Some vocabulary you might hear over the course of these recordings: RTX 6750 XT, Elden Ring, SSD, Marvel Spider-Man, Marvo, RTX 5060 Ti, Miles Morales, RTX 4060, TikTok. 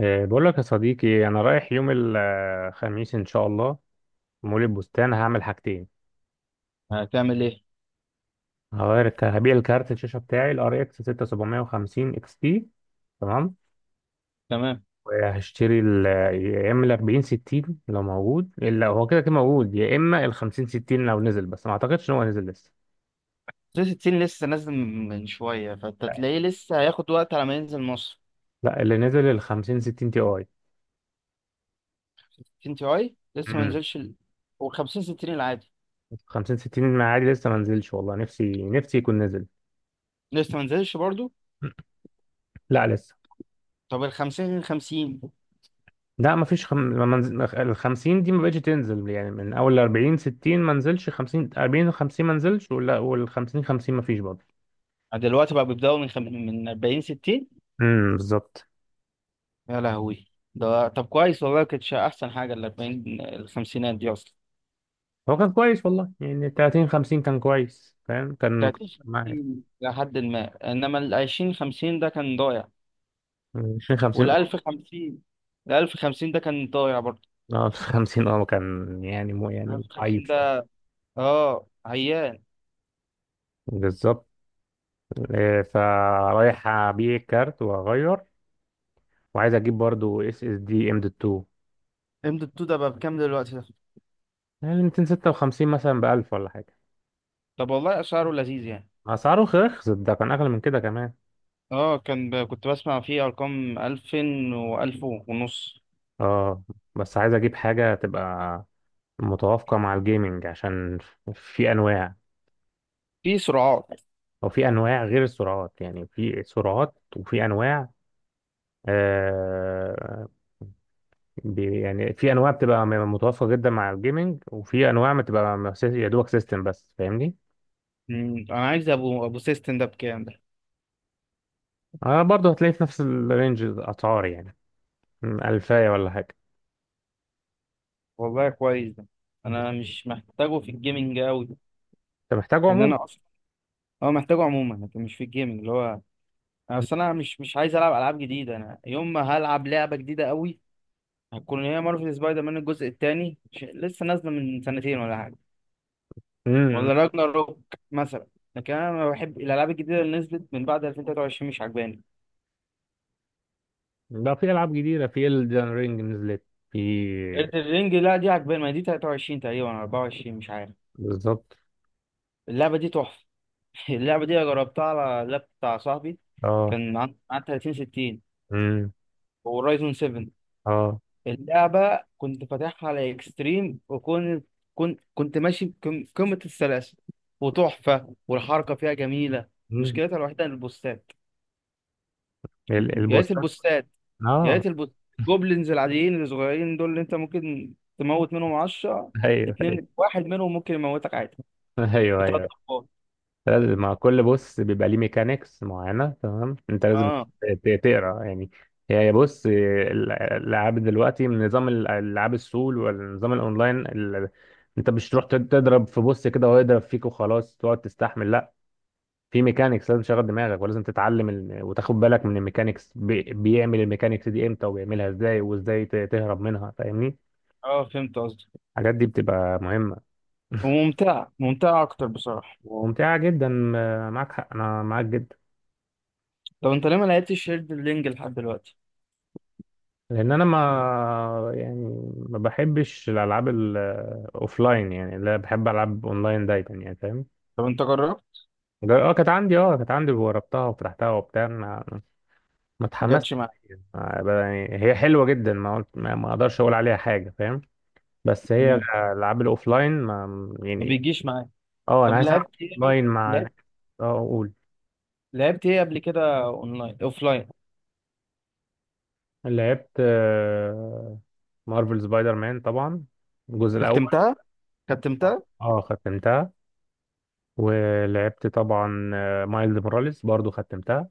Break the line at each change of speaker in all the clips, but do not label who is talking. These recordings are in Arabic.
إيه، بقول لك يا صديقي، انا رايح يوم الخميس ان شاء الله، مول البستان هعمل حاجتين.
هتعمل ايه؟
هبيع الكارت الشاشه بتاعي الار اكس 6750 اكس تي، تمام،
تمام.
وهشتري يا اما ال 40 60 لو موجود، الا هو كده كده موجود، يا اما ال 50 60 لو نزل، بس ما اعتقدش ان هو نزل لسه.
360 لسه نازل من شويه، فانت تلاقيه لسه هياخد وقت على ما ينزل مصر.
لا، اللي نزل ال 50 60 تي اي.
60 تي اي لسه ما
امم
نزلش و50 60 العادي
50 60 عادي لسه ما نزلش، والله نفسي نفسي يكون نزل.
لسه ما نزلش برضو.
لا لسه.
طب ال 50 50؟
لا مفيش خم... ما منز... ال 50 دي ما بقتش تنزل يعني، من اول ال 40 60 ما نزلش، 50، 40، 50 ما نزلش ولا، وال 50 50 ما فيش برضه.
دلوقتي بقى بيبداوا من 40 60.
امم، بالظبط.
يا لهوي. ده طب كويس والله، كانتش احسن حاجه ال 40 الخمسينات دي اصلا.
هو كان كويس والله، يعني 30 50 كان كويس، فاهم؟ كان
30
معايا
50 لحد ما انما ال 20 50 ده كان ضايع.
20 50،
وال
اه
1050. ال 1050 ده كان ضايع برضه.
آه. 50 اه كان يعني، مو
ال
يعني
1050
عيب
ده.
شويه.
اه عيان.
بالظبط. فرايح ابيع الكارت واغير، وعايز اجيب برضه اس اس دي ام دوت 2.
ام دوت 2 ده بقى بكام دلوقتي ده؟
يعني 256 مثلا ب 1000 ولا حاجه.
طب والله اسعاره لذيذ يعني.
اسعاره رخصت، ده كان اغلى من كده كمان.
اه كان كنت بسمع فيه ارقام 2000 و1000 ونص.
اه. بس عايز اجيب حاجة تبقى متوافقة مع الجيمنج، عشان في انواع،
في سرعات.
او في انواع غير السرعات، يعني في سرعات وفي انواع. آه، يعني في انواع بتبقى متوافقة جدا مع الجيمنج، وفي انواع بتبقى يا دوبك سيستم بس، فاهمني؟
انا عايز ابو سيستم ده بكام ده؟
آه برضه هتلاقي في نفس الرينج الاسعار يعني. م، الفاية ولا حاجة.
والله كويس ده.
انت
انا مش محتاجه في الجيمنج قوي.
محتاجه
ان
عموما.
انا اصلا. اه محتاجه عموما، لكن مش في الجيمنج اللي هو. أنا اصل انا مش عايز العب العاب جديده. انا يوم ما هلعب لعبه جديده قوي هتكون هي مارفل سبايدر مان الجزء الثاني، لسه نازله من سنتين ولا حاجه.
امم.
ولا راجناروك مثلا. لكن انا ما بحب الالعاب الجديده، اللي نزلت من بعد 2023 مش عجباني.
ده في العاب جديده، في Elden Ring نزلت. في.
الرينج لا دي عجباني، ما دي 23 تقريبا 24 مش عارف.
بالظبط.
اللعبه دي تحفه. اللعبه دي أنا جربتها على اللاب بتاع صاحبي. كان عن 30 60
اه.
ورايزون 7.
اه.
اللعبه كنت فاتحها على اكستريم، وكنت كنت كنت ماشي قمه السلاسه. وتحفه، والحركه فيها جميله.
مم.
مشكلتها الوحيده البوستات. يا ريت
البوستات.
البوستات. يا
اه.
ريت البوست. الجوبلينز العاديين الصغيرين دول اللي انت ممكن تموت منهم 10.
ايوه،
اتنين
ايوه.
واحد منهم ممكن يموتك عادي.
ايوه،
بتلات
ايوه.
ضربات.
لازم مع كل بوست بيبقى ليه ميكانيكس معينه، تمام؟ انت لازم
اه،
تقرا يعني. هي بص، الالعاب دلوقتي من نظام الالعاب السول، والنظام الاونلاين انت مش تروح تضرب في بوست كده وهو يضرب فيك وخلاص تقعد تستحمل، لا. في ميكانيكس لازم تشغل دماغك، ولازم تتعلم وتاخد بالك من الميكانيكس، بيعمل الميكانيكس دي امتى وبيعملها ازاي، وازاي تهرب منها، فاهمني؟
اه، فهمت قصدي.
الحاجات دي بتبقى مهمه.
وممتعة ممتعة اكتر بصراحة.
وممتعة جدا، معاك حق، أنا معاك جدا.
طب انت ليه ما لعبتش هيرد لينج لحد دلوقتي؟
لأن أنا ما بحبش الألعاب الأوفلاين، يعني لا، بحب ألعب أونلاين دايما يعني، فاهم؟
طب انت جربت؟
اه كانت عندي، وجربتها وفتحتها وبتاع، ما
ما جاتش
اتحمستش
معاك.
ليها. يعني هي حلوة جدا، ما قلت، ما أقدرش أقول عليها حاجة، فاهم؟ بس هي
مم.
الألعاب الأوفلاين ما
ما
يعني.
بيجيش معاك.
اه، أنا
طب
عايز ألعب
لعبت ايه؟
أونلاين مع ناس.
لعبت.
اه أقول.
لعبت ايه قبل كده؟ اونلاين اوفلاين؟
لعبت مارفل سبايدر مان طبعا، الجزء الأول.
ختمتها. ختمتها.
اه. ختمتها. ولعبت طبعا، مايلز موراليس برضو، ختمتها.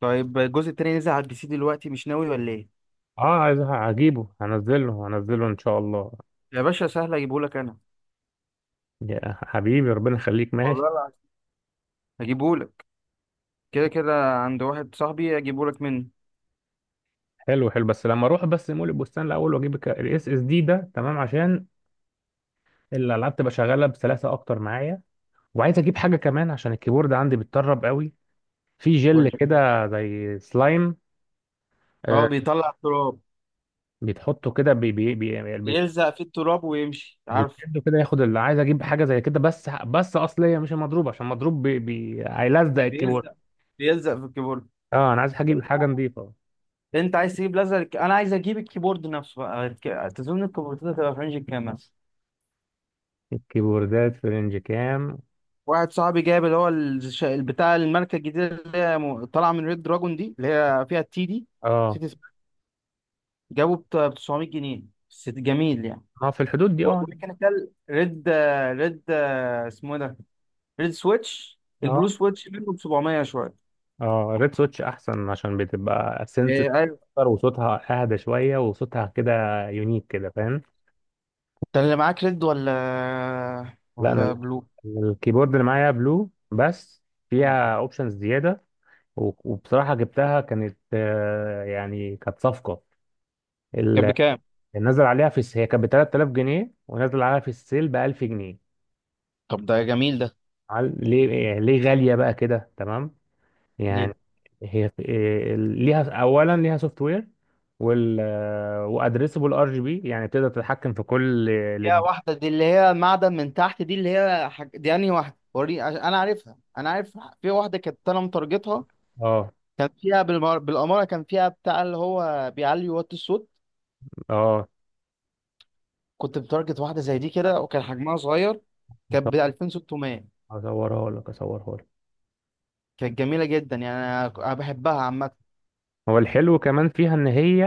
طيب الجزء التاني نزل على البي سي دلوقتي، مش ناوي ولا ايه؟
اه عايز، هجيبه، هنزله، هنزله ان شاء الله.
يا باشا، سهل اجيبهولك انا.
يا حبيبي، ربنا يخليك، ماشي.
والله هجيبهولك. كده كده عند واحد صاحبي، هجيبهولك منه.
حلو حلو، بس لما اروح بس مول البستان الاول، واجيب الاس اس دي ده، تمام، عشان الالعاب تبقى شغاله بسلاسه اكتر معايا. وعايز اجيب حاجه كمان، عشان الكيبورد عندي بيتطرب قوي. في
قول
جل
لي.
كده زي سلايم،
اه،
آه،
بيطلع التراب.
بيتحطه كده بي بي بي،
يلزق في التراب ويمشي، عارف.
وتشده كده، ياخد، اللي عايز اجيب حاجه زي كده، بس بس اصليه، مش المضروب، عشان مضروب هيلزق الكيبورد.
بيلزق. بيلزق في الكيبورد.
اه انا عايز اجيب حاجه نظيفه.
انت عايز تجيب لزق، انا عايز اجيب الكيبورد نفسه بقى. تظن الكيبوردات هتبقى في رينج كام مثلا؟
الكيبوردات في رينج كام؟
واحد صاحبي جايب اللي هو بتاع الماركة الجديدة، اللي هي طالعة من ريد دراجون، دي اللي هي فيها التي دي.
اه.
نسيت اسمها. جابه ب 900 جنيه. بس جميل يعني.
اه، في الحدود دي
بورد
اه.
ميكانيكال ريد. ريد اسمه إيه ده؟ ريد سويتش. البلو
اه.
سويتش منه ب 700 شويه.
اه، ريد سويتش احسن، عشان بتبقى سنس
إيه، ايوه.
اكتر، وصوتها اهدى شويه، وصوتها كده يونيك كده، فاهم؟
انت اللي معاك ريد ولا
لا، انا
ولا بلو؟
الكيبورد اللي معايا بلو، بس فيها اوبشنز زياده، و- وبصراحه جبتها، كانت يعني كانت صفقه.
كان
ال-
بكام؟
نزل عليها في هي كانت ب 3000 جنيه، ونزل عليها في السيل ب 1000 جنيه.
طب ده جميل ده.
ليه يعني، ليه غالية بقى كده، تمام،
ليه؟
يعني؟ هي ليها اولا ليها سوفت وير، وال، وادريسبل ار جي بي، يعني تقدر تتحكم في كل
فيها واحدة دي اللي هي معدن من تحت، دي اللي هي دي انهي واحدة؟ انا عارفها، انا عارف في واحدة كانت انا متارجتها.
اه.
كان فيها بالأمارة كان فيها بتاع اللي هو بيعلي وات الصوت.
اه.
كنت متارجت واحدة زي دي كده، وكان حجمها صغير. كانت ب 2600.
اصورها لك.
كانت جميلة جدا يعني، انا أنا بحبها عامة.
هو الحلو كمان فيها ان هي،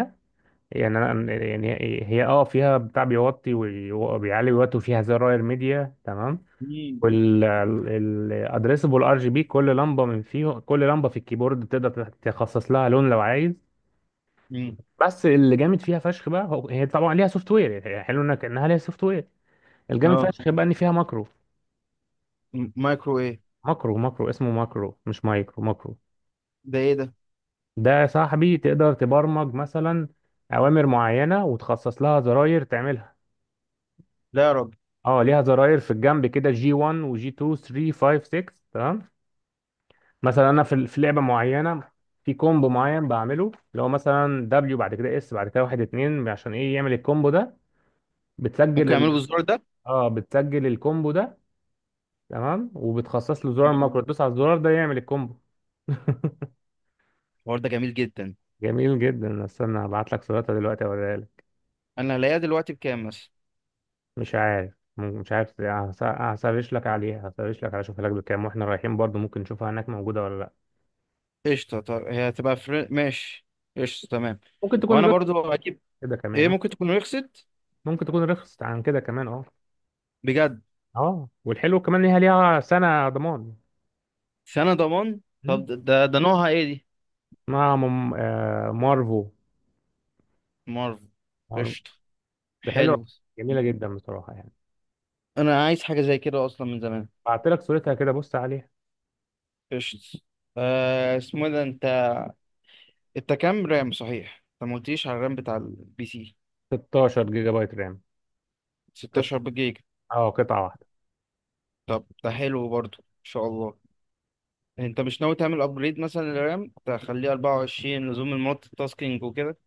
يعني يعني هي اه فيها بتاع بيوطي وبيعلي ويوطي، وفيها زراير ميديا، تمام.
مم.
والادريسبل ار جي بي، كل لمبه من فيهم، كل لمبه في الكيبورد تقدر تخصص لها لون لو عايز.
مم.
بس اللي جامد فيها فشخ بقى، هو هي طبعا ليها سوفت وير، هي حلو انك، انها ليها سوفت وير. الجامد
اه.
فشخ بقى ان فيها ماكرو.
مايكرو ايه؟
ماكرو، ماكرو اسمه ماكرو، مش مايكرو، ماكرو.
ده ايه ده؟
ده يا صاحبي تقدر تبرمج مثلا اوامر معينه، وتخصص لها زراير تعملها.
لا يا راجل.
اه، ليها زراير في الجنب كده، جي 1 وجي 2، 3، 5، 6، تمام. مثلا انا في لعبه معينه، في كومبو معين بعمله، اللي هو مثلا دبليو، بعد كده اس، بعد كده واحد اتنين، عشان ايه؟ يعمل الكومبو ده. بتسجل
ممكن
ال... مم.
اعمله بالزرار ده؟
اه، بتسجل الكومبو ده، تمام، وبتخصص له زرار
مم.
ماكرو، تدوس على الزرار ده يعمل الكومبو.
الحوار ده جميل جدا.
جميل جدا. استنى هبعت لك صورتها دلوقتي، اوريها لك.
انا هلاقيها دلوقتي بكام مثلا؟
مش عارف، مش عارف، هسرش لك عليها، اشوفها لك بكام، واحنا رايحين برضو ممكن نشوفها هناك، موجوده ولا لا.
قشطه. طب هي هتبقى ماشي. قشطه، تمام.
ممكن تكون
وانا
رخص
برضو اجيب.
كده
ايه،
كمان.
ممكن تكون رخصت.
ممكن تكون رخصت عن كده كمان، اه.
بجد؟
اه، والحلو كمان ليها، ليها سنة ضمان.
سنه ضمان. طب
مم.
ده نوعها ايه دي؟
اسمها مارفو.
مارفل.
مارفو.
قشطه،
ده حلو.
حلو.
جميلة جدا بصراحة يعني.
انا عايز حاجه زي كده اصلا من زمان.
بعت لك صورتها كده، بص عليها.
قشطه. آه، اسمه إيه ده؟ انت كام رام؟ صحيح انت ما قلتيش على الرام بتاع البي سي.
16 جيجا بايت رام. قط...
16 جيجا.
اه، قطعة واحدة.
طب ده حلو برضو ان شاء الله. انت مش ناوي تعمل ابجريد مثلا للرام تخليه 24 لزوم المالتي تاسكينج وكده؟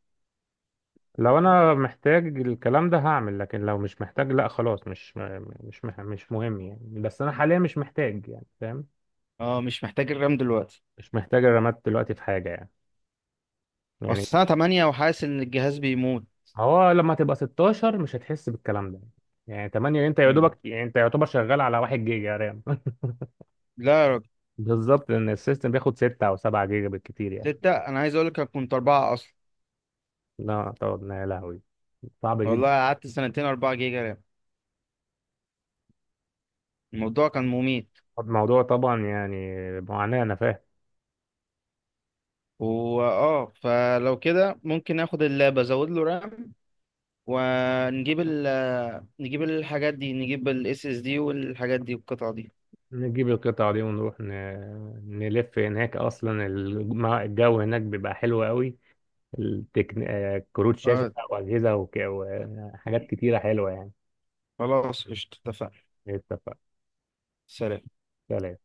لو انا محتاج الكلام ده هعمل، لكن لو مش محتاج لا، خلاص، مش م- مش مح... مش مهم يعني، بس انا حاليا مش محتاج يعني، فاهم؟
اه، مش محتاج الرام دلوقتي.
مش محتاج الرامات دلوقتي في حاجة يعني،
اصل
يعني.
الساعه 8 وحاسس ان الجهاز بيموت.
هو لما تبقى 16 مش هتحس بالكلام ده، يعني 8 انت يا
مم.
دوبك، يعني انت يعتبر شغال على 1 جيجا رام.
لا يا راجل.
بالظبط، لان السيستم بياخد 6 او 7 جيجا بالكتير يعني.
ستة، انا عايز اقول لك، أنا كنت اربعة اصلا.
لا طبعا، يا لهوي، صعب
والله
جدا.
قعدت سنتين 4 جيجا رام. الموضوع كان مميت.
الموضوع طبعا يعني معاناة، انا فاهم.
واه، فلو كده ممكن اخد اللاب ازود له رام، ونجيب نجيب الحاجات دي، نجيب الاس اس دي والحاجات دي والقطع دي.
نجيب القطع دي ونروح ن... نلف هناك اصلا. الجو هناك بيبقى حلو قوي. التكن... كروت شاشة
آه.
بقى، واجهزة، وك... وحاجات كتيرة حلوة يعني.
خلاص قشطة، اتفقنا.
اتفق.
سلام.
سلام.